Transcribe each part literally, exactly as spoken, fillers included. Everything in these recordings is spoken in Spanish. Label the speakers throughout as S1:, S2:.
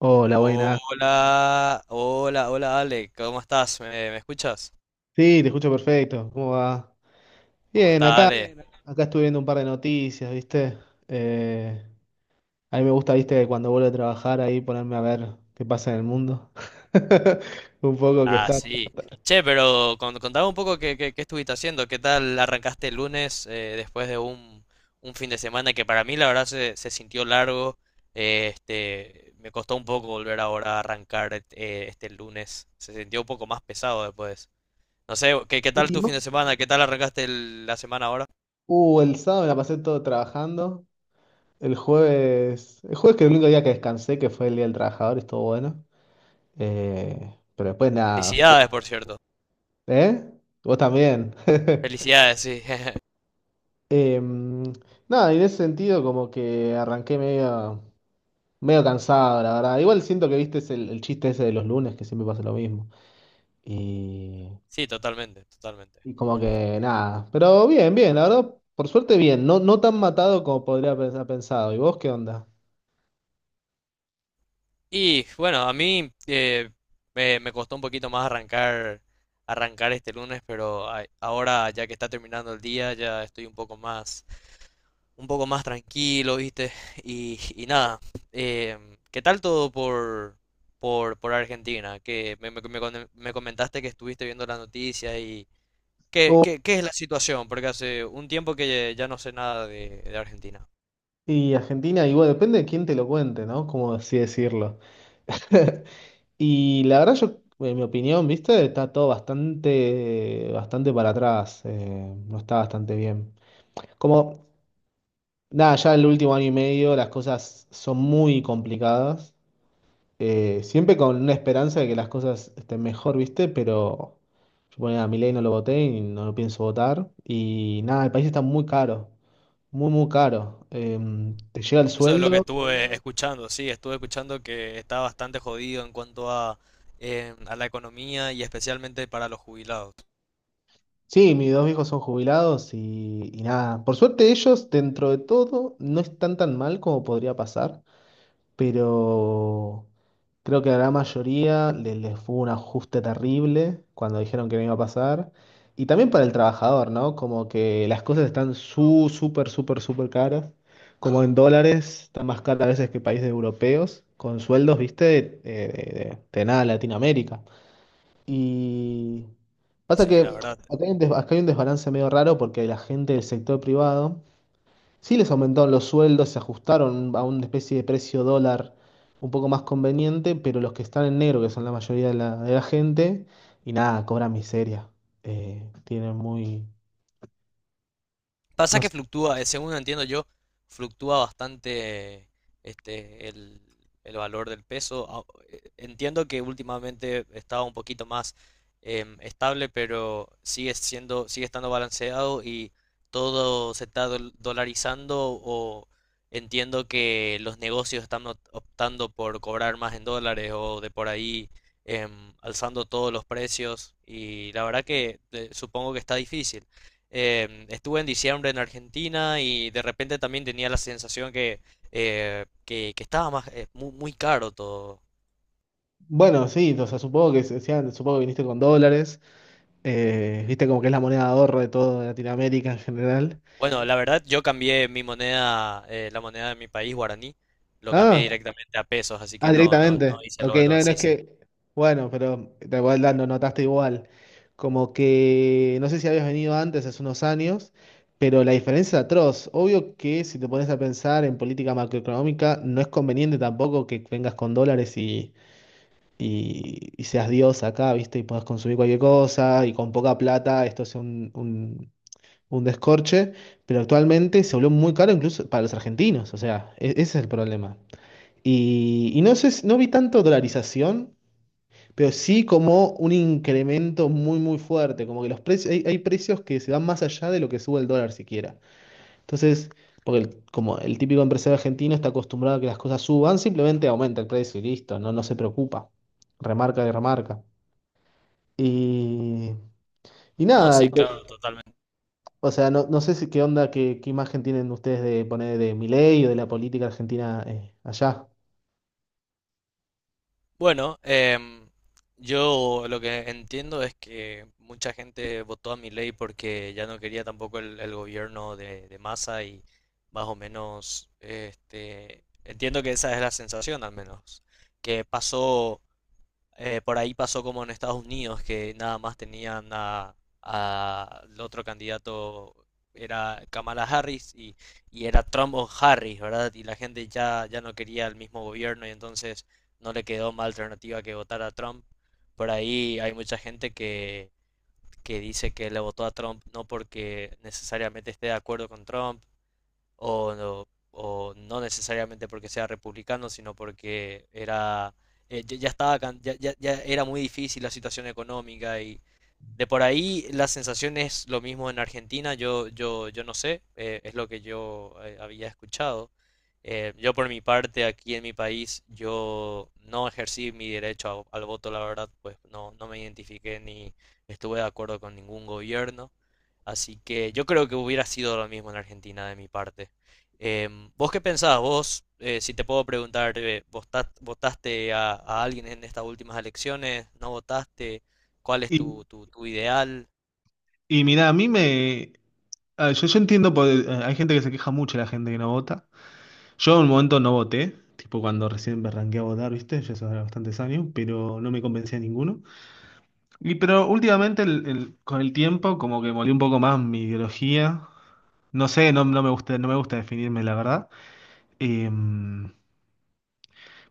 S1: Hola, buenas.
S2: Hola, hola, hola Ale, ¿cómo estás? ¿Me, me escuchas?
S1: Sí, te escucho perfecto. ¿Cómo va?
S2: ¿Cómo
S1: Bien,
S2: está
S1: acá,
S2: Ale? Bien.
S1: acá estuve viendo un par de noticias, ¿viste? Eh, a mí me gusta, ¿viste? Cuando vuelvo a trabajar ahí ponerme a ver qué pasa en el mundo. Un poco que
S2: Ah,
S1: está.
S2: ¿cómo sí. Che, pero con- contame un poco qué, qué- qué estuviste haciendo, qué tal arrancaste el lunes eh, después de un, un fin de semana que para mí la verdad se, se sintió largo. Eh, este, me costó un poco volver ahora a arrancar eh, este lunes. Se sintió un poco más pesado después. No sé, ¿qué, qué tal
S1: Y
S2: tu
S1: más-
S2: fin de semana? ¿Qué tal arrancaste el- la semana ahora?
S1: Uh, el sábado me la pasé todo trabajando. El jueves, el jueves que el único día que descansé, que fue el Día del Trabajador, estuvo bueno. Eh, pero después nada. fu-
S2: Felicidades, por cierto.
S1: ¿Eh? Vos también.
S2: Felicidades, sí.
S1: Em, Nada, en ese sentido como que arranqué medio. Medio cansado, la verdad. Igual siento que viste es el, el chiste ese de los lunes, que siempre pasa lo mismo. Y,
S2: Sí, totalmente, totalmente.
S1: y como que nada. Pero bien, bien, la verdad, por suerte bien. No, no tan matado como podría haber pensado. ¿Y vos qué onda?
S2: Y bueno, a mí eh, me, me costó un poquito más arrancar, arrancar este lunes, pero a- ahora ya que está terminando el día, ya estoy un poco más, un poco más tranquilo, ¿viste? Y, y nada, em, ¿qué tal todo por, por, por Argentina? Que me, me- me con- me comentaste que estuviste viendo las noticias y ¿qué,
S1: Oh,
S2: qué- qué es la situación? Porque hace un tiempo que ya no sé nada de, de Argentina.
S1: y Argentina, igual depende de quién te lo cuente, ¿no? Como así decirlo. Y la verdad, yo, en mi opinión, viste, está todo bastante, bastante para atrás. Eh, no está bastante bien. Como, nada, ya el último año y medio las cosas son muy complicadas. Eh, siempre con una esperanza de que las cosas estén mejor, ¿viste? Pero yo ponía a Milei no lo voté y no lo pienso votar. Y nada, el país está muy caro, muy, muy caro. Em, te llega el
S2: Eso es lo que
S1: sueldo.
S2: estuve escuchando, sí, estuve escuchando que está bastante jodido en cuanto a, eh, a la economía y especialmente para los jubilados.
S1: Sí, mis dos hijos son jubilados y, y nada. Por suerte ellos, dentro de todo, no están tan mal como podría pasar. Pero creo que a la gran mayoría le- les, fue un ajuste terrible cuando dijeron que no iba a pasar. Y también para el trabajador, ¿no? Como que las cosas están su, súper, súper, súper caras. Como en dólares, está más cara a veces que países europeos, con sueldos, viste, eh, de, de- de nada, Latinoamérica. Y pasa
S2: Sí, la
S1: que
S2: verdad.
S1: acá hay un des- acá hay un desbalance medio raro porque la gente del sector privado sí les aumentaron los sueldos, se ajustaron a una especie de precio dólar un poco más conveniente, pero los que están en negro, que son la mayoría de la, de la gente, y nada, cobran miseria. Eh, tienen muy...
S2: Pasa
S1: No
S2: que
S1: sé.
S2: fluctúa, eh, según entiendo yo, fluctúa bastante este el, el valor del peso. Au- eh, Entiendo que últimamente estaba un poquito más em, estable, pero sigue siendo, sigue estando balanceado y todo se está dol- dolarizando o entiendo que los negocios están opt- optando por cobrar más en dólares o de por ahí em, alzando todos los precios y la verdad que eh, supongo que está difícil. Eh, estuve en diciembre en Argentina y de repente también tenía la sensación que, eh, que, que estaba más, eh, muy, muy caro todo.
S1: Bueno, sí, o sea, supongo que, se- sean- supongo que viniste con dólares, eh, viste como que es la moneda de ahorro de toda Latinoamérica en general.
S2: Bueno, la verdad yo cambié mi moneda, eh, la moneda de mi país, guaraní, lo cambié
S1: Ah,
S2: directamente a pesos, así que
S1: ah,
S2: no, no, no
S1: directamente.
S2: hice
S1: Ok,
S2: lo de lo...
S1: no, no es
S2: Sí, sí.
S1: que. Bueno, pero te voy dando, notaste igual. Como que no sé si habías venido antes, hace unos años, pero la diferencia es atroz. Obvio que si te pones a pensar en política macroeconómica, no es conveniente tampoco que vengas con dólares y, y, y seas Dios acá, ¿viste? Y puedas consumir cualquier cosa y con poca plata esto es un, un, un descorche. Pero actualmente se volvió muy caro incluso para los argentinos. O sea, e- ese es el problema. Y, y no sé, si- no vi tanto dolarización, pero sí como un incremento muy, muy fuerte. Como que los precios, hay, hay precios que se van más allá de lo que sube el dólar siquiera. Entonces, porque el- como el típico empresario argentino está acostumbrado a que las cosas suban, simplemente aumenta el precio y listo, no, no se preocupa. Remarca y remarca. Y, y
S2: No,
S1: nada, y
S2: sí, claro,
S1: te-
S2: totalmente.
S1: o sea, no, no sé si qué onda, qué, qué imagen tienen ustedes de poner de Milei o de la política argentina eh, allá.
S2: Bueno, em, yo lo que entiendo es que mucha gente votó a Milei porque ya no quería tampoco el, el gobierno de, de Massa y más o menos, este, entiendo que esa es la sensación al menos, que pasó eh, por ahí pasó como en Estados Unidos, que nada más tenían a, a- el otro candidato, era Kamala Harris y, y era Trump o Harris, ¿verdad? Y la gente ya, ya no quería el mismo gobierno y entonces no le quedó más alternativa que votar a Trump. Por ahí hay mucha gente que, que dice que le votó a Trump no porque necesariamente esté de acuerdo con Trump, o, no- o no necesariamente porque sea republicano, sino porque era, eh, ya ya estaba, can- ya, ya- ya era muy difícil la situación económica y, de por ahí la sensación es lo mismo en Argentina, yo, yo, yo no sé, eh, es lo que yo eh, había escuchado. Eh, yo por mi parte, aquí en mi país, yo no ejercí mi derecho a- al voto, la verdad, pues no, no me identifiqué ni estuve de acuerdo con ningún gobierno. Así que yo creo que hubiera sido lo mismo en Argentina de mi parte. Em, ¿vos qué pensás? Vos, eh, si te puedo preguntar, eh, ¿vota- ¿votaste a, a alguien en estas últimas elecciones? ¿No votaste? ¿Cuál es
S1: Y,
S2: tu, tu, tu ideal?
S1: y mira, a mí me, ah, yo, yo entiendo, por- eh, hay gente que se queja mucho de la gente que no vota. Yo en un momento no voté, tipo cuando recién me arranqué a votar, ¿viste? Ya hace bastantes años, pero no me convencía ninguno. Y pero últimamente el- el- con el tiempo como que molí un poco más mi ideología. No sé, no, no me gusta, no me gusta definirme, la verdad. Em,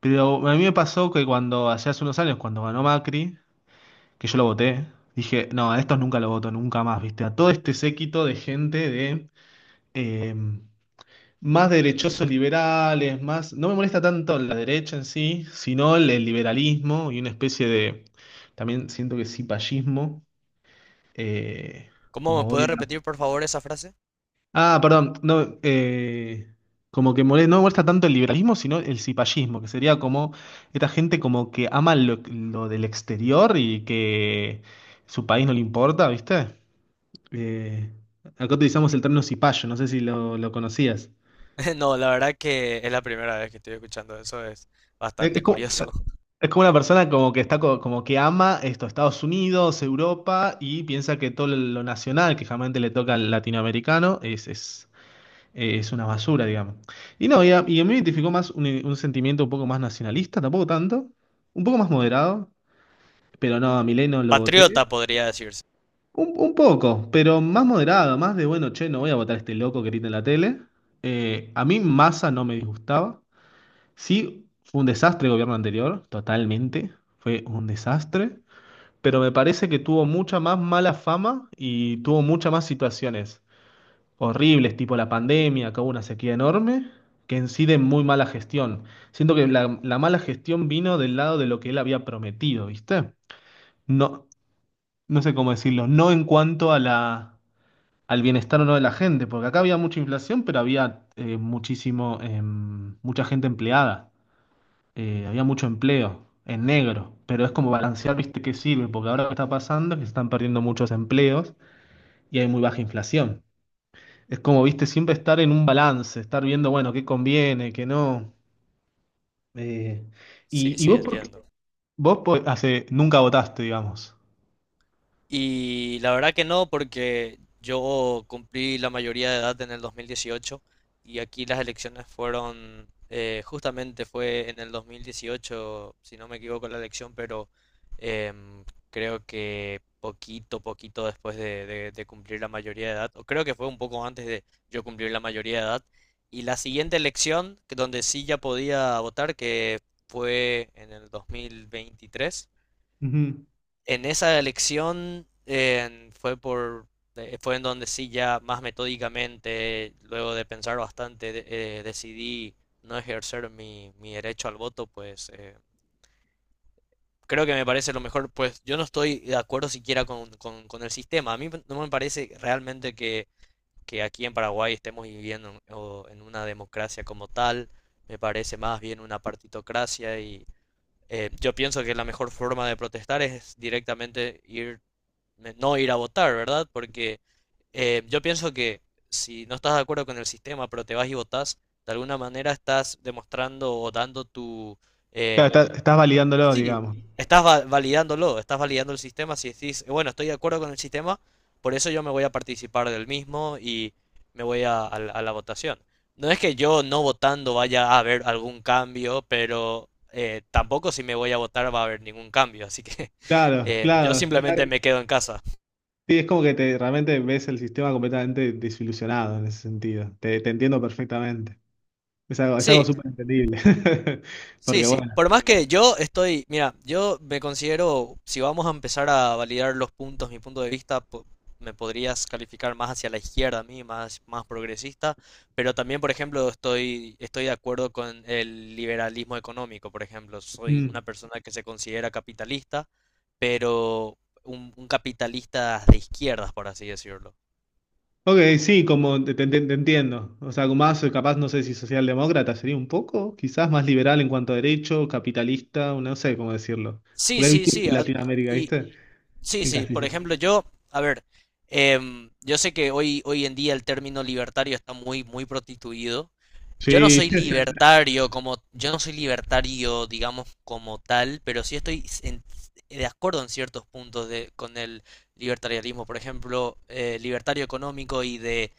S1: pero a mí me pasó que cuando, hace hace unos años, cuando ganó Macri, que yo lo voté, dije, no, a estos nunca lo voto, nunca más, ¿viste? A todo este séquito de gente de... em, más derechosos liberales, más... No me molesta tanto la derecha en sí, sino el, el liberalismo y una especie de... También siento que cipallismo, eh,
S2: ¿Cómo me
S1: como
S2: puedes
S1: odio... la-
S2: repetir, por favor, esa frase?
S1: Ah, perdón, no, eh, como que mole- no me molesta tanto el liberalismo, sino el cipallismo, que sería como esta gente como que ama lo, lo del exterior y que su país no le importa, ¿viste? Eh, Acá utilizamos el término cipayo, no sé si lo, lo conocías.
S2: No, la verdad que es la primera vez que estoy escuchando eso, es
S1: Es,
S2: bastante
S1: es como-
S2: curioso.
S1: Es como una persona como que está co- como que ama esto, Estados Unidos, Europa, y piensa que todo lo nacional que jamás le toca al latinoamericano es, es, eh, es una basura, digamos. Y no, y a, y a mí me identificó más un, un sentimiento un poco más nacionalista, tampoco tanto, un poco más moderado, pero no, a Milei no lo voté.
S2: Patriota podría decirse.
S1: Un, un poco, pero más moderado, más de bueno, che, no voy a votar a este loco que grita en la tele. Eh, a mí Massa no me disgustaba. Sí, fue un desastre el gobierno anterior, totalmente. Fue un desastre, pero me parece que tuvo mucha más mala fama y tuvo muchas más situaciones horribles, tipo la pandemia, que hubo una sequía enorme, que en sí de muy mala gestión. Siento que la, la mala gestión vino del lado de lo que él había prometido, ¿viste? No, no sé cómo decirlo, no en cuanto a la, al bienestar o no de la gente, porque acá había mucha inflación, pero había eh, muchísimo, em, mucha gente empleada, eh, había mucho empleo en negro, pero es como balancear, ¿viste? ¿Qué sirve? Porque ahora lo que está pasando es que se están perdiendo muchos empleos y hay muy baja inflación. Es como, ¿viste? Siempre estar en un balance, estar viendo, bueno, qué conviene, qué no. eh,
S2: Sí,
S1: y, y
S2: sí,
S1: vos, por qué-
S2: entiendo.
S1: vos por- hace, nunca votaste, digamos.
S2: Y la verdad que no, porque yo cumplí la mayoría de edad en el dos mil dieciocho y aquí las elecciones fueron, eh, justamente fue en el dos mil dieciocho, si no me equivoco la elección, pero em, creo que poquito, poquito después de, de- de cumplir la mayoría de edad, o creo que fue un poco antes de yo cumplir la mayoría de edad. Y la siguiente elección, que donde sí ya podía votar, que fue en el dos mil veintitrés,
S1: Ujú.
S2: en esa elección eh, fue por eh, fue en donde sí ya más metódicamente, luego de pensar bastante, de- eh, decidí no ejercer mi, mi derecho al voto, pues eh, creo que me parece lo mejor, pues yo no estoy de acuerdo siquiera con, con- con el sistema. A mí no me parece realmente que, que aquí en Paraguay estemos viviendo en o en una democracia como tal, me parece más bien una partitocracia y eh, yo pienso que la mejor forma de protestar es directamente ir de no ir a votar, ¿verdad? Porque eh, yo pienso que si no estás de acuerdo con el sistema, pero te vas y votas, de alguna manera estás demostrando o dando tu...
S1: Claro, está-
S2: em,
S1: estás validándolo,
S2: Sí,
S1: digamos.
S2: estás va- validándolo, estás validando el sistema si decís, "Eh, bueno, estoy de acuerdo con el sistema, por eso yo me voy a participar del mismo y me voy a, a la a la votación". No es que yo no votando vaya a haber algún cambio, pero eh, tampoco si me voy a votar va a haber ningún cambio, así que
S1: Claro,
S2: eh, yo
S1: claro. Está-
S2: simplemente claro, me quedo en casa.
S1: sí, es como que te, realmente ves el sistema completamente desilusionado en ese sentido. Te, te entiendo perfectamente. Es algo, es algo
S2: Sí,
S1: súper entendible.
S2: sí,
S1: Porque
S2: sí.
S1: bueno.
S2: Por más que yo estoy, mira, yo me considero, si vamos a empezar a validar los puntos, mi punto de vista, po- me podrías calificar más hacia la izquierda a mí, más, más progresista, pero también, por ejemplo, estoy, estoy de acuerdo con el liberalismo económico, por ejemplo. Soy una
S1: Mm.
S2: persona que se considera capitalista, pero un, un capitalista de izquierdas, por así decirlo.
S1: Ok, sí, como te, te- te entiendo. O sea, más eh, capaz, no sé si socialdemócrata sería un poco, quizás más liberal en cuanto a derecho, capitalista, no sé cómo decirlo.
S2: Sí,
S1: Porque es
S2: sí,
S1: difícil
S2: sí. a-
S1: Latinoamérica,
S2: Y,
S1: ¿viste?
S2: sí,
S1: En
S2: sí, por
S1: castellano.
S2: ejemplo, yo, a ver, em, yo sé que hoy, hoy en día el término libertario está muy, muy prostituido. Yo no
S1: Sí,
S2: soy sí, libertario como, yo no soy libertario, digamos, como tal, pero sí estoy en- de acuerdo en ciertos puntos de, con el libertarianismo, por ejemplo, eh, libertario económico y de,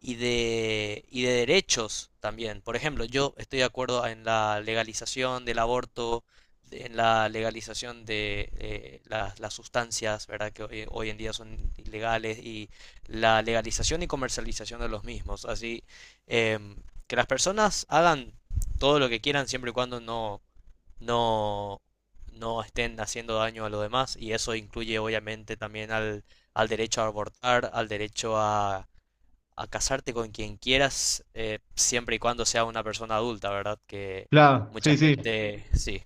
S2: y de, y de derechos también. Por ejemplo, yo estoy de acuerdo en la legalización del aborto, en la legalización de eh, las, las sustancias, ¿verdad? Que hoy, hoy en día son ilegales y la legalización y comercialización de los mismos. Así eh, que las personas hagan todo lo que quieran siempre y cuando no, no, no estén haciendo daño a los demás y eso incluye obviamente también al, al derecho a abortar, al derecho a, a casarte con quien quieras, eh, siempre y cuando sea una persona adulta, ¿verdad? Que
S1: claro,
S2: mucha
S1: sí, sí.
S2: gente, sí.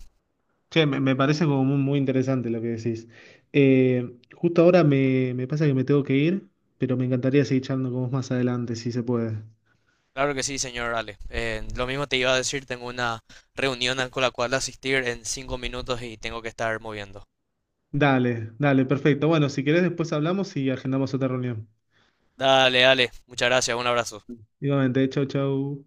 S1: Che, me, me parece como muy, muy interesante lo que decís. Eh, justo ahora me, me pasa que me tengo que ir, pero me encantaría seguir charlando con vos más adelante, si se puede.
S2: Claro que sí, señor Ale. Eh, lo mismo te iba a decir, tengo una reunión a- con la cual asistir en cinco minutos y tengo que estar moviendo.
S1: Dale, dale, perfecto. Bueno, si querés después hablamos y agendamos otra reunión.
S2: Dale, Ale. Muchas gracias. Un abrazo.
S1: Igualmente, chau, chau.